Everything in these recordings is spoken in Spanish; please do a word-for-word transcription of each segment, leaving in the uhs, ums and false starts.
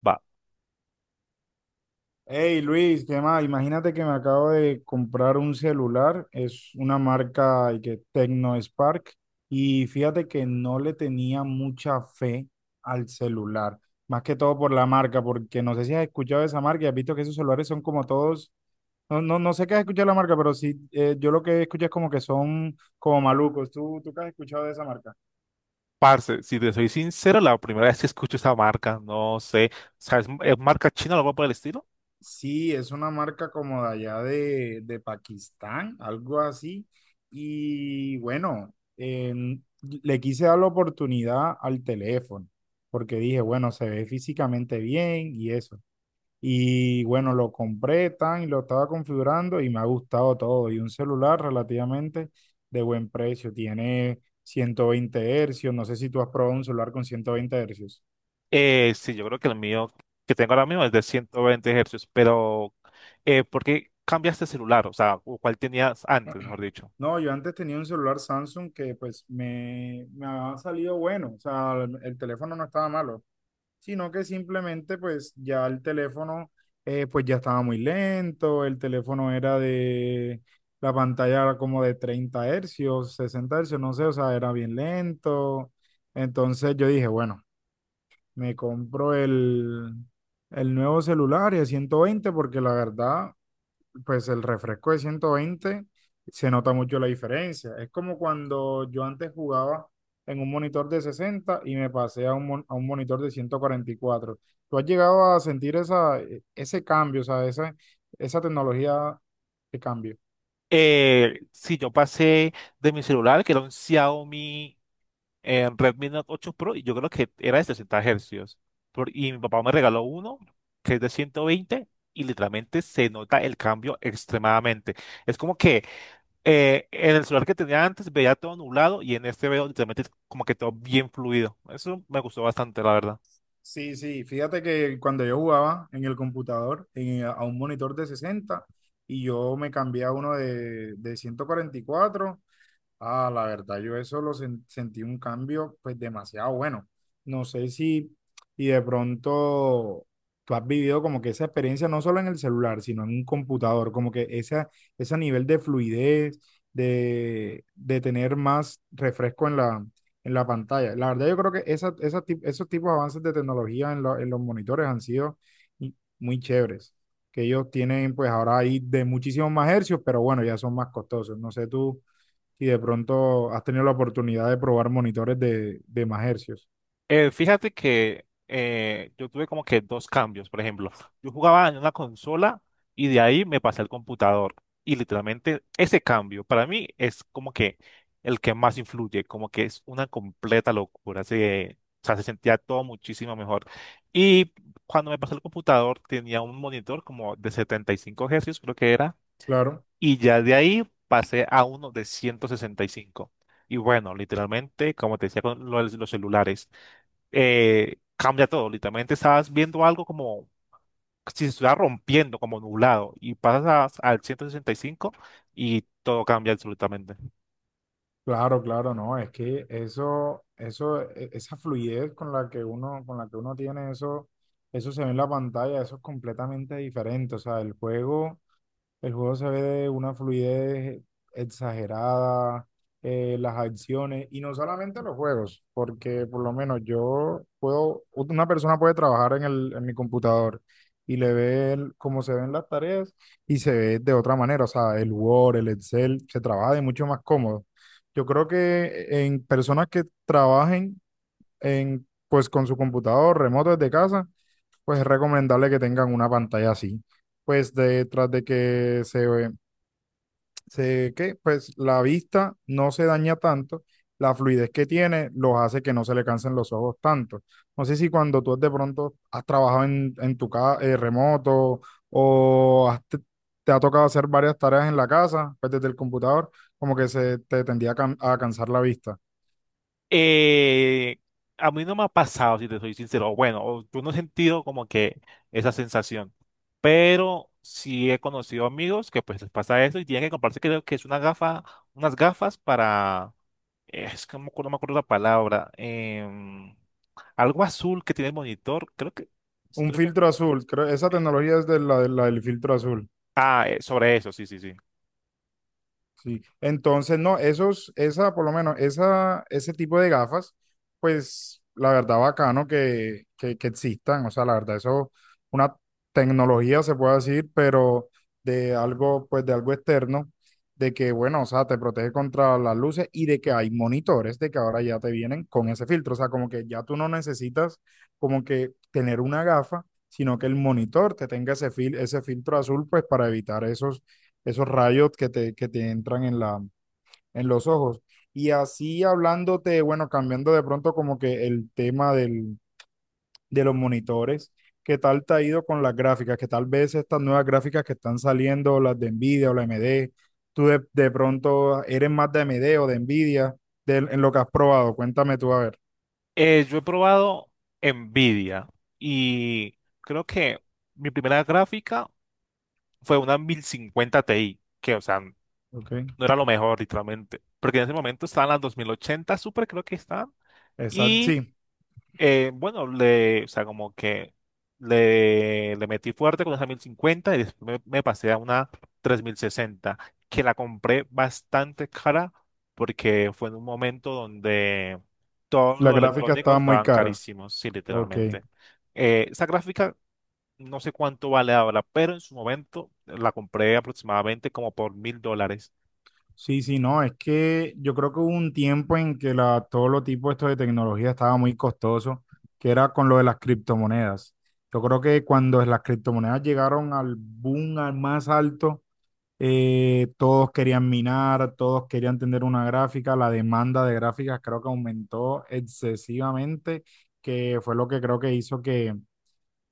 Va, Hey Luis, ¿qué más? Imagínate que me acabo de comprar un celular, es una marca y que Tecno Spark y fíjate que no le tenía mucha fe al celular, más que todo por la marca, porque no sé si has escuchado de esa marca y has visto que esos celulares son como todos, no, no, no sé qué has escuchado de la marca, pero sí, eh, yo lo que escucho es como que son como malucos. ¿Tú, tú qué has escuchado de esa marca? parce, si te soy sincero, la primera vez que escucho esa marca, no sé, ¿sabes? ¿Es marca china o algo por el estilo? Sí, es una marca como de allá de, de Pakistán, algo así. Y bueno, em, le quise dar la oportunidad al teléfono, porque dije, bueno, se ve físicamente bien y eso. Y bueno, lo compré tan y lo estaba configurando y me ha gustado todo. Y un celular relativamente de buen precio, tiene ciento veinte hercios. No sé si tú has probado un celular con ciento veinte hercios. Eh, sí, yo creo que el mío que tengo ahora mismo es de ciento veinte Hz, pero eh, ¿por qué cambiaste de celular? O sea, ¿o ¿cuál tenías antes, mejor dicho? No, yo antes tenía un celular Samsung que pues me, me ha salido bueno, o sea, el, el teléfono no estaba malo, sino que simplemente pues ya el teléfono eh, pues ya estaba muy lento, el teléfono era de la pantalla era como de treinta hercios, sesenta hercios, no sé, o sea, era bien lento. Entonces yo dije, bueno, me compro el, el nuevo celular y a ciento veinte porque la verdad, pues el refresco de ciento veinte se nota mucho la diferencia. Es como cuando yo antes jugaba en un monitor de sesenta y me pasé a un, mon- a un monitor de ciento cuarenta y cuatro. ¿Tú has llegado a sentir esa, e, ese cambio, o sea, esa, esa tecnología de cambio? Eh, sí, yo pasé de mi celular, que era un Xiaomi en Redmi Note ocho Pro, y yo creo que era de sesenta hercios. Por- y mi papá me regaló uno que es de ciento veinte, y literalmente se nota el cambio extremadamente. Es como que eh, en el celular que tenía antes veía todo nublado y en este veo literalmente como que todo bien fluido. Eso me gustó bastante, la verdad. Sí, sí, fíjate que cuando yo jugaba en el computador, en- a un monitor de sesenta y yo me cambié a uno de, de ciento cuarenta y cuatro. Ah, la verdad, yo eso lo sen- sentí un cambio, pues demasiado bueno. No sé si, y de pronto tú has vivido como que esa experiencia no solo en el celular, sino en un computador, como que esa, ese nivel de fluidez, de, de tener más refresco en la, en la pantalla. La verdad, yo creo que esa, esa tip- esos tipos de avances de tecnología en, lo- en los monitores han sido i- muy chéveres, que ellos tienen pues ahora ahí de muchísimos más hercios, pero bueno, ya son más costosos. No sé tú si de pronto has tenido la oportunidad de probar monitores de, de más hercios. Eh, fíjate que eh, yo tuve como que dos cambios. Por ejemplo, yo jugaba en una consola y de ahí me pasé al computador. Y literalmente ese cambio para mí es como que el que más influye, como que es una completa locura. Se, o sea, se sentía todo muchísimo mejor. Y cuando me pasé al computador tenía un monitor como de setenta y cinco Hz, creo que era. Claro, Y ya de ahí pasé a uno de ciento sesenta y cinco. Y cinco. Y bueno, literalmente, como te decía con lo de los celulares, eh, cambia todo. Literalmente estás viendo algo como si se estuviera rompiendo, como nublado, y pasas a- al ciento sesenta y cinco y cinco y todo cambia absolutamente. claro, claro, no, es que eso, eso, e- esa fluidez con la que uno, con la que uno tiene eso, eso se ve en la pantalla, eso es completamente diferente. O sea, el juego El juego se ve de una fluidez exagerada, eh, las acciones, y no solamente los juegos, porque por lo menos yo puedo, una persona puede trabajar en el, en mi computador y le ve el- cómo se ven las tareas y se ve de otra manera, o sea, el Word, el Excel, se trabaja de mucho más cómodo. Yo creo que en personas que trabajen en, pues, con su computador remoto desde casa, pues es recomendable que tengan una pantalla así. Pues detrás de que se ve, se, qué, pues la vista no se daña tanto, la fluidez que tiene los hace que no se le cansen los ojos tanto. No sé si cuando tú de pronto has trabajado en, en tu casa remoto o has te, te ha tocado hacer varias tareas en la casa, pues desde el computador, como que se te tendía a, can- a cansar la vista. Eh, a mí no me ha pasado, si te soy sincero. O bueno, o yo no he sentido como que esa sensación, pero sí he conocido amigos que pues les pasa eso y tienen que comprarse, creo que es una gafa, unas gafas para, eh, es que no me acuerdo, no me acuerdo la palabra, em, algo azul que tiene el monitor, creo que Un estoy… filtro azul, creo, esa tecnología es de la la del filtro azul. Ah, eh, sobre eso, sí, sí, sí. Sí, entonces, no, esos, esa, por lo menos, esa, ese tipo de gafas, pues la verdad bacano que, que, que existan, o sea, la verdad, eso es una tecnología, se puede decir, pero de algo, pues de algo externo, de que, bueno, o sea, te protege contra las luces y de que hay monitores, de que ahora ya te vienen con ese filtro, o sea, como que ya tú no necesitas como que tener una gafa, sino que el monitor te tenga ese fil- ese filtro azul, pues para evitar esos esos rayos que te, que te entran en la, en los ojos. Y así hablándote, bueno, cambiando de pronto como que el tema del, de los monitores, ¿qué tal te ha ido con las gráficas? Que tal vez estas nuevas gráficas que están saliendo, las de Nvidia o la A M D, tú de, de pronto eres más de A M D o de Nvidia, de- en lo que has probado, cuéntame tú a ver. Eh, yo he probado Nvidia y creo que mi primera gráfica fue una mil cincuenta Ti, que, o sea, no Ok. era lo mejor, literalmente. Porque en ese momento estaban las dos mil ochenta Super, creo que estaban. Exacto, sí, Eh, bueno, le, o sea, como que le, le metí fuerte con esa mil cincuenta y después me, me pasé a una tres mil sesenta, que la compré bastante cara porque fue en un momento donde todos las los gráficas electrónicos estaban muy estaban caras. carísimos, sí, Ok. literalmente. Eh, esa gráfica no sé cuánto vale ahora, pero en su momento la compré aproximadamente como por mil dólares. Sí, sí, no, es que yo creo que hubo un tiempo en que la, todos los tipos estos de tecnología estaba muy costoso, que era con lo de las criptomonedas. Yo creo que cuando las criptomonedas llegaron al boom, al más alto, eh, todos querían minar, todos querían tener una gráfica, la demanda de gráficas creo que aumentó excesivamente, que fue lo que creo que hizo que.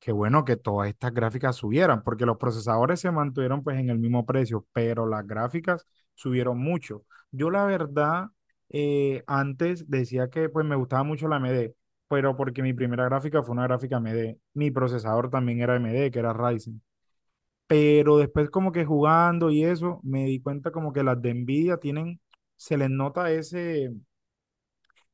Qué bueno que todas estas gráficas subieran, porque los procesadores se mantuvieron pues en el mismo precio, pero las gráficas subieron mucho. Yo la verdad, eh, antes decía que pues me gustaba mucho la A m d pero porque mi primera gráfica fue una gráfica A m d Mi procesador también era A m d que era Ryzen. Pero después como que jugando y eso, me di cuenta como que las de Nvidia tienen, se les nota ese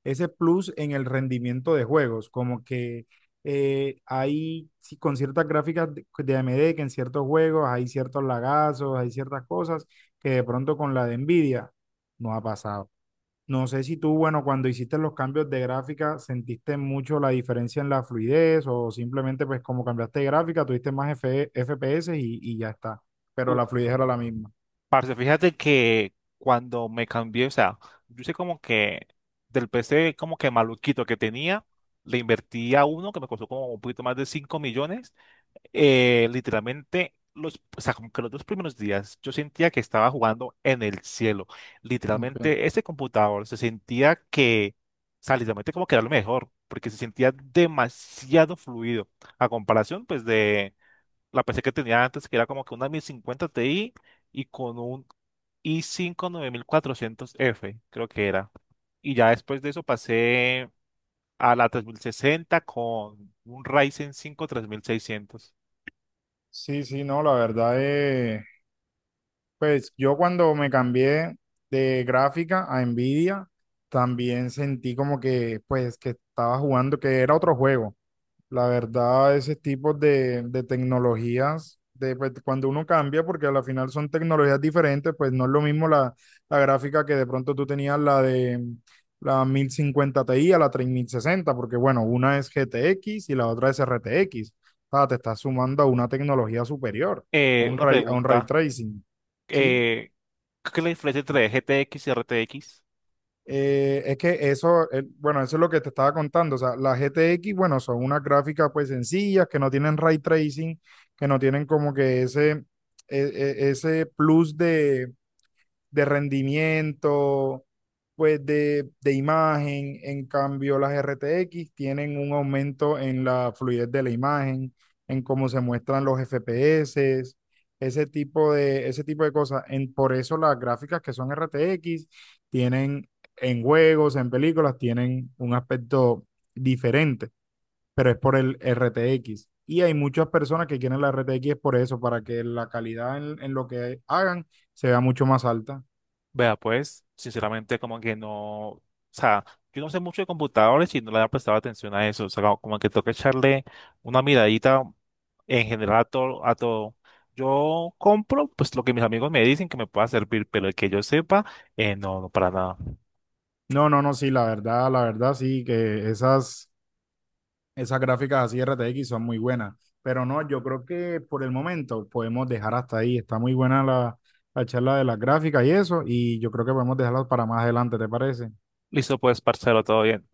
ese plus en el rendimiento de juegos, como que eh, hay sí, con ciertas gráficas de, de A M D que en ciertos juegos hay ciertos lagazos, hay ciertas cosas que de pronto con la de Nvidia no ha pasado. No sé si tú, bueno, cuando hiciste los cambios de gráfica, sentiste mucho la diferencia en la fluidez o simplemente pues como cambiaste de gráfica, tuviste más F- FPS y, y ya está, pero la fluidez era la misma. Parce, fíjate que cuando me cambié, o sea, yo sé como que del P C como que maluquito que tenía, le invertí a uno que me costó como un poquito más de cinco millones. eh, literalmente, los, o sea, como que los dos primeros días yo sentía que estaba jugando en el cielo. Ok. Literalmente, ese computador se sentía que, o sea, literalmente como que era lo mejor, porque se sentía demasiado fluido a comparación pues de la P C que tenía antes, que era como que una mil cincuenta Ti y con un y cinco nueve mil cuatrocientos f creo que era. Y ya después de eso pasé a la tres mil sesenta con un Ryzen cinco tres mil seiscientos. Sí, sí, no, la verdad es. Pues yo cuando me cambié de gráfica a Nvidia, también sentí como que, pues, que estaba jugando, que era otro juego. La verdad, ese tipo de, de tecnologías, de, pues, cuando uno cambia, porque al final son tecnologías diferentes, pues no es lo mismo la, la gráfica que de pronto tú tenías la de la mil cincuenta Ti a la tres mil sesenta porque bueno, una es G T X y la otra es R T X. O sea, te estás sumando a una tecnología superior, a Eh, un una ray, a un ray pregunta, tracing. ¿Sí? eh, ¿qué es la diferencia entre G T X y R T X? Eh, es que eso, eh, bueno, eso es lo que te estaba contando. O sea, las G T X, bueno, son unas gráficas pues sencillas, que no tienen ray tracing, que no tienen como que ese, e- e- ese plus de, de rendimiento, pues de, de imagen. En cambio, las R T X tienen un aumento en la fluidez de la imagen, en cómo se muestran los F P S, ese tipo de, ese tipo de cosas. En, por eso las gráficas que son R T X tienen en juegos, en películas, tienen un aspecto diferente, pero es por el R T X. Y hay muchas personas que quieren la R T X por eso, para que la calidad en, en lo que hagan se vea mucho más alta. Vea, pues, sinceramente como que no, o sea, yo no sé mucho de computadores y no le había prestado atención a eso, o sea, como como que toca echarle una miradita en general a todo, a todo. Yo compro pues lo que mis amigos me dicen que me pueda servir, pero el que yo sepa, eh, no, no, para nada. No, no, no, sí, la verdad, la verdad, sí, que esas, esas gráficas así R T X son muy buenas, pero no, yo creo que por el momento podemos dejar hasta ahí, está muy buena la, la charla de las gráficas y eso, y yo creo que podemos dejarlas para más adelante, ¿te parece? Listo, pues, parcero, todo bien.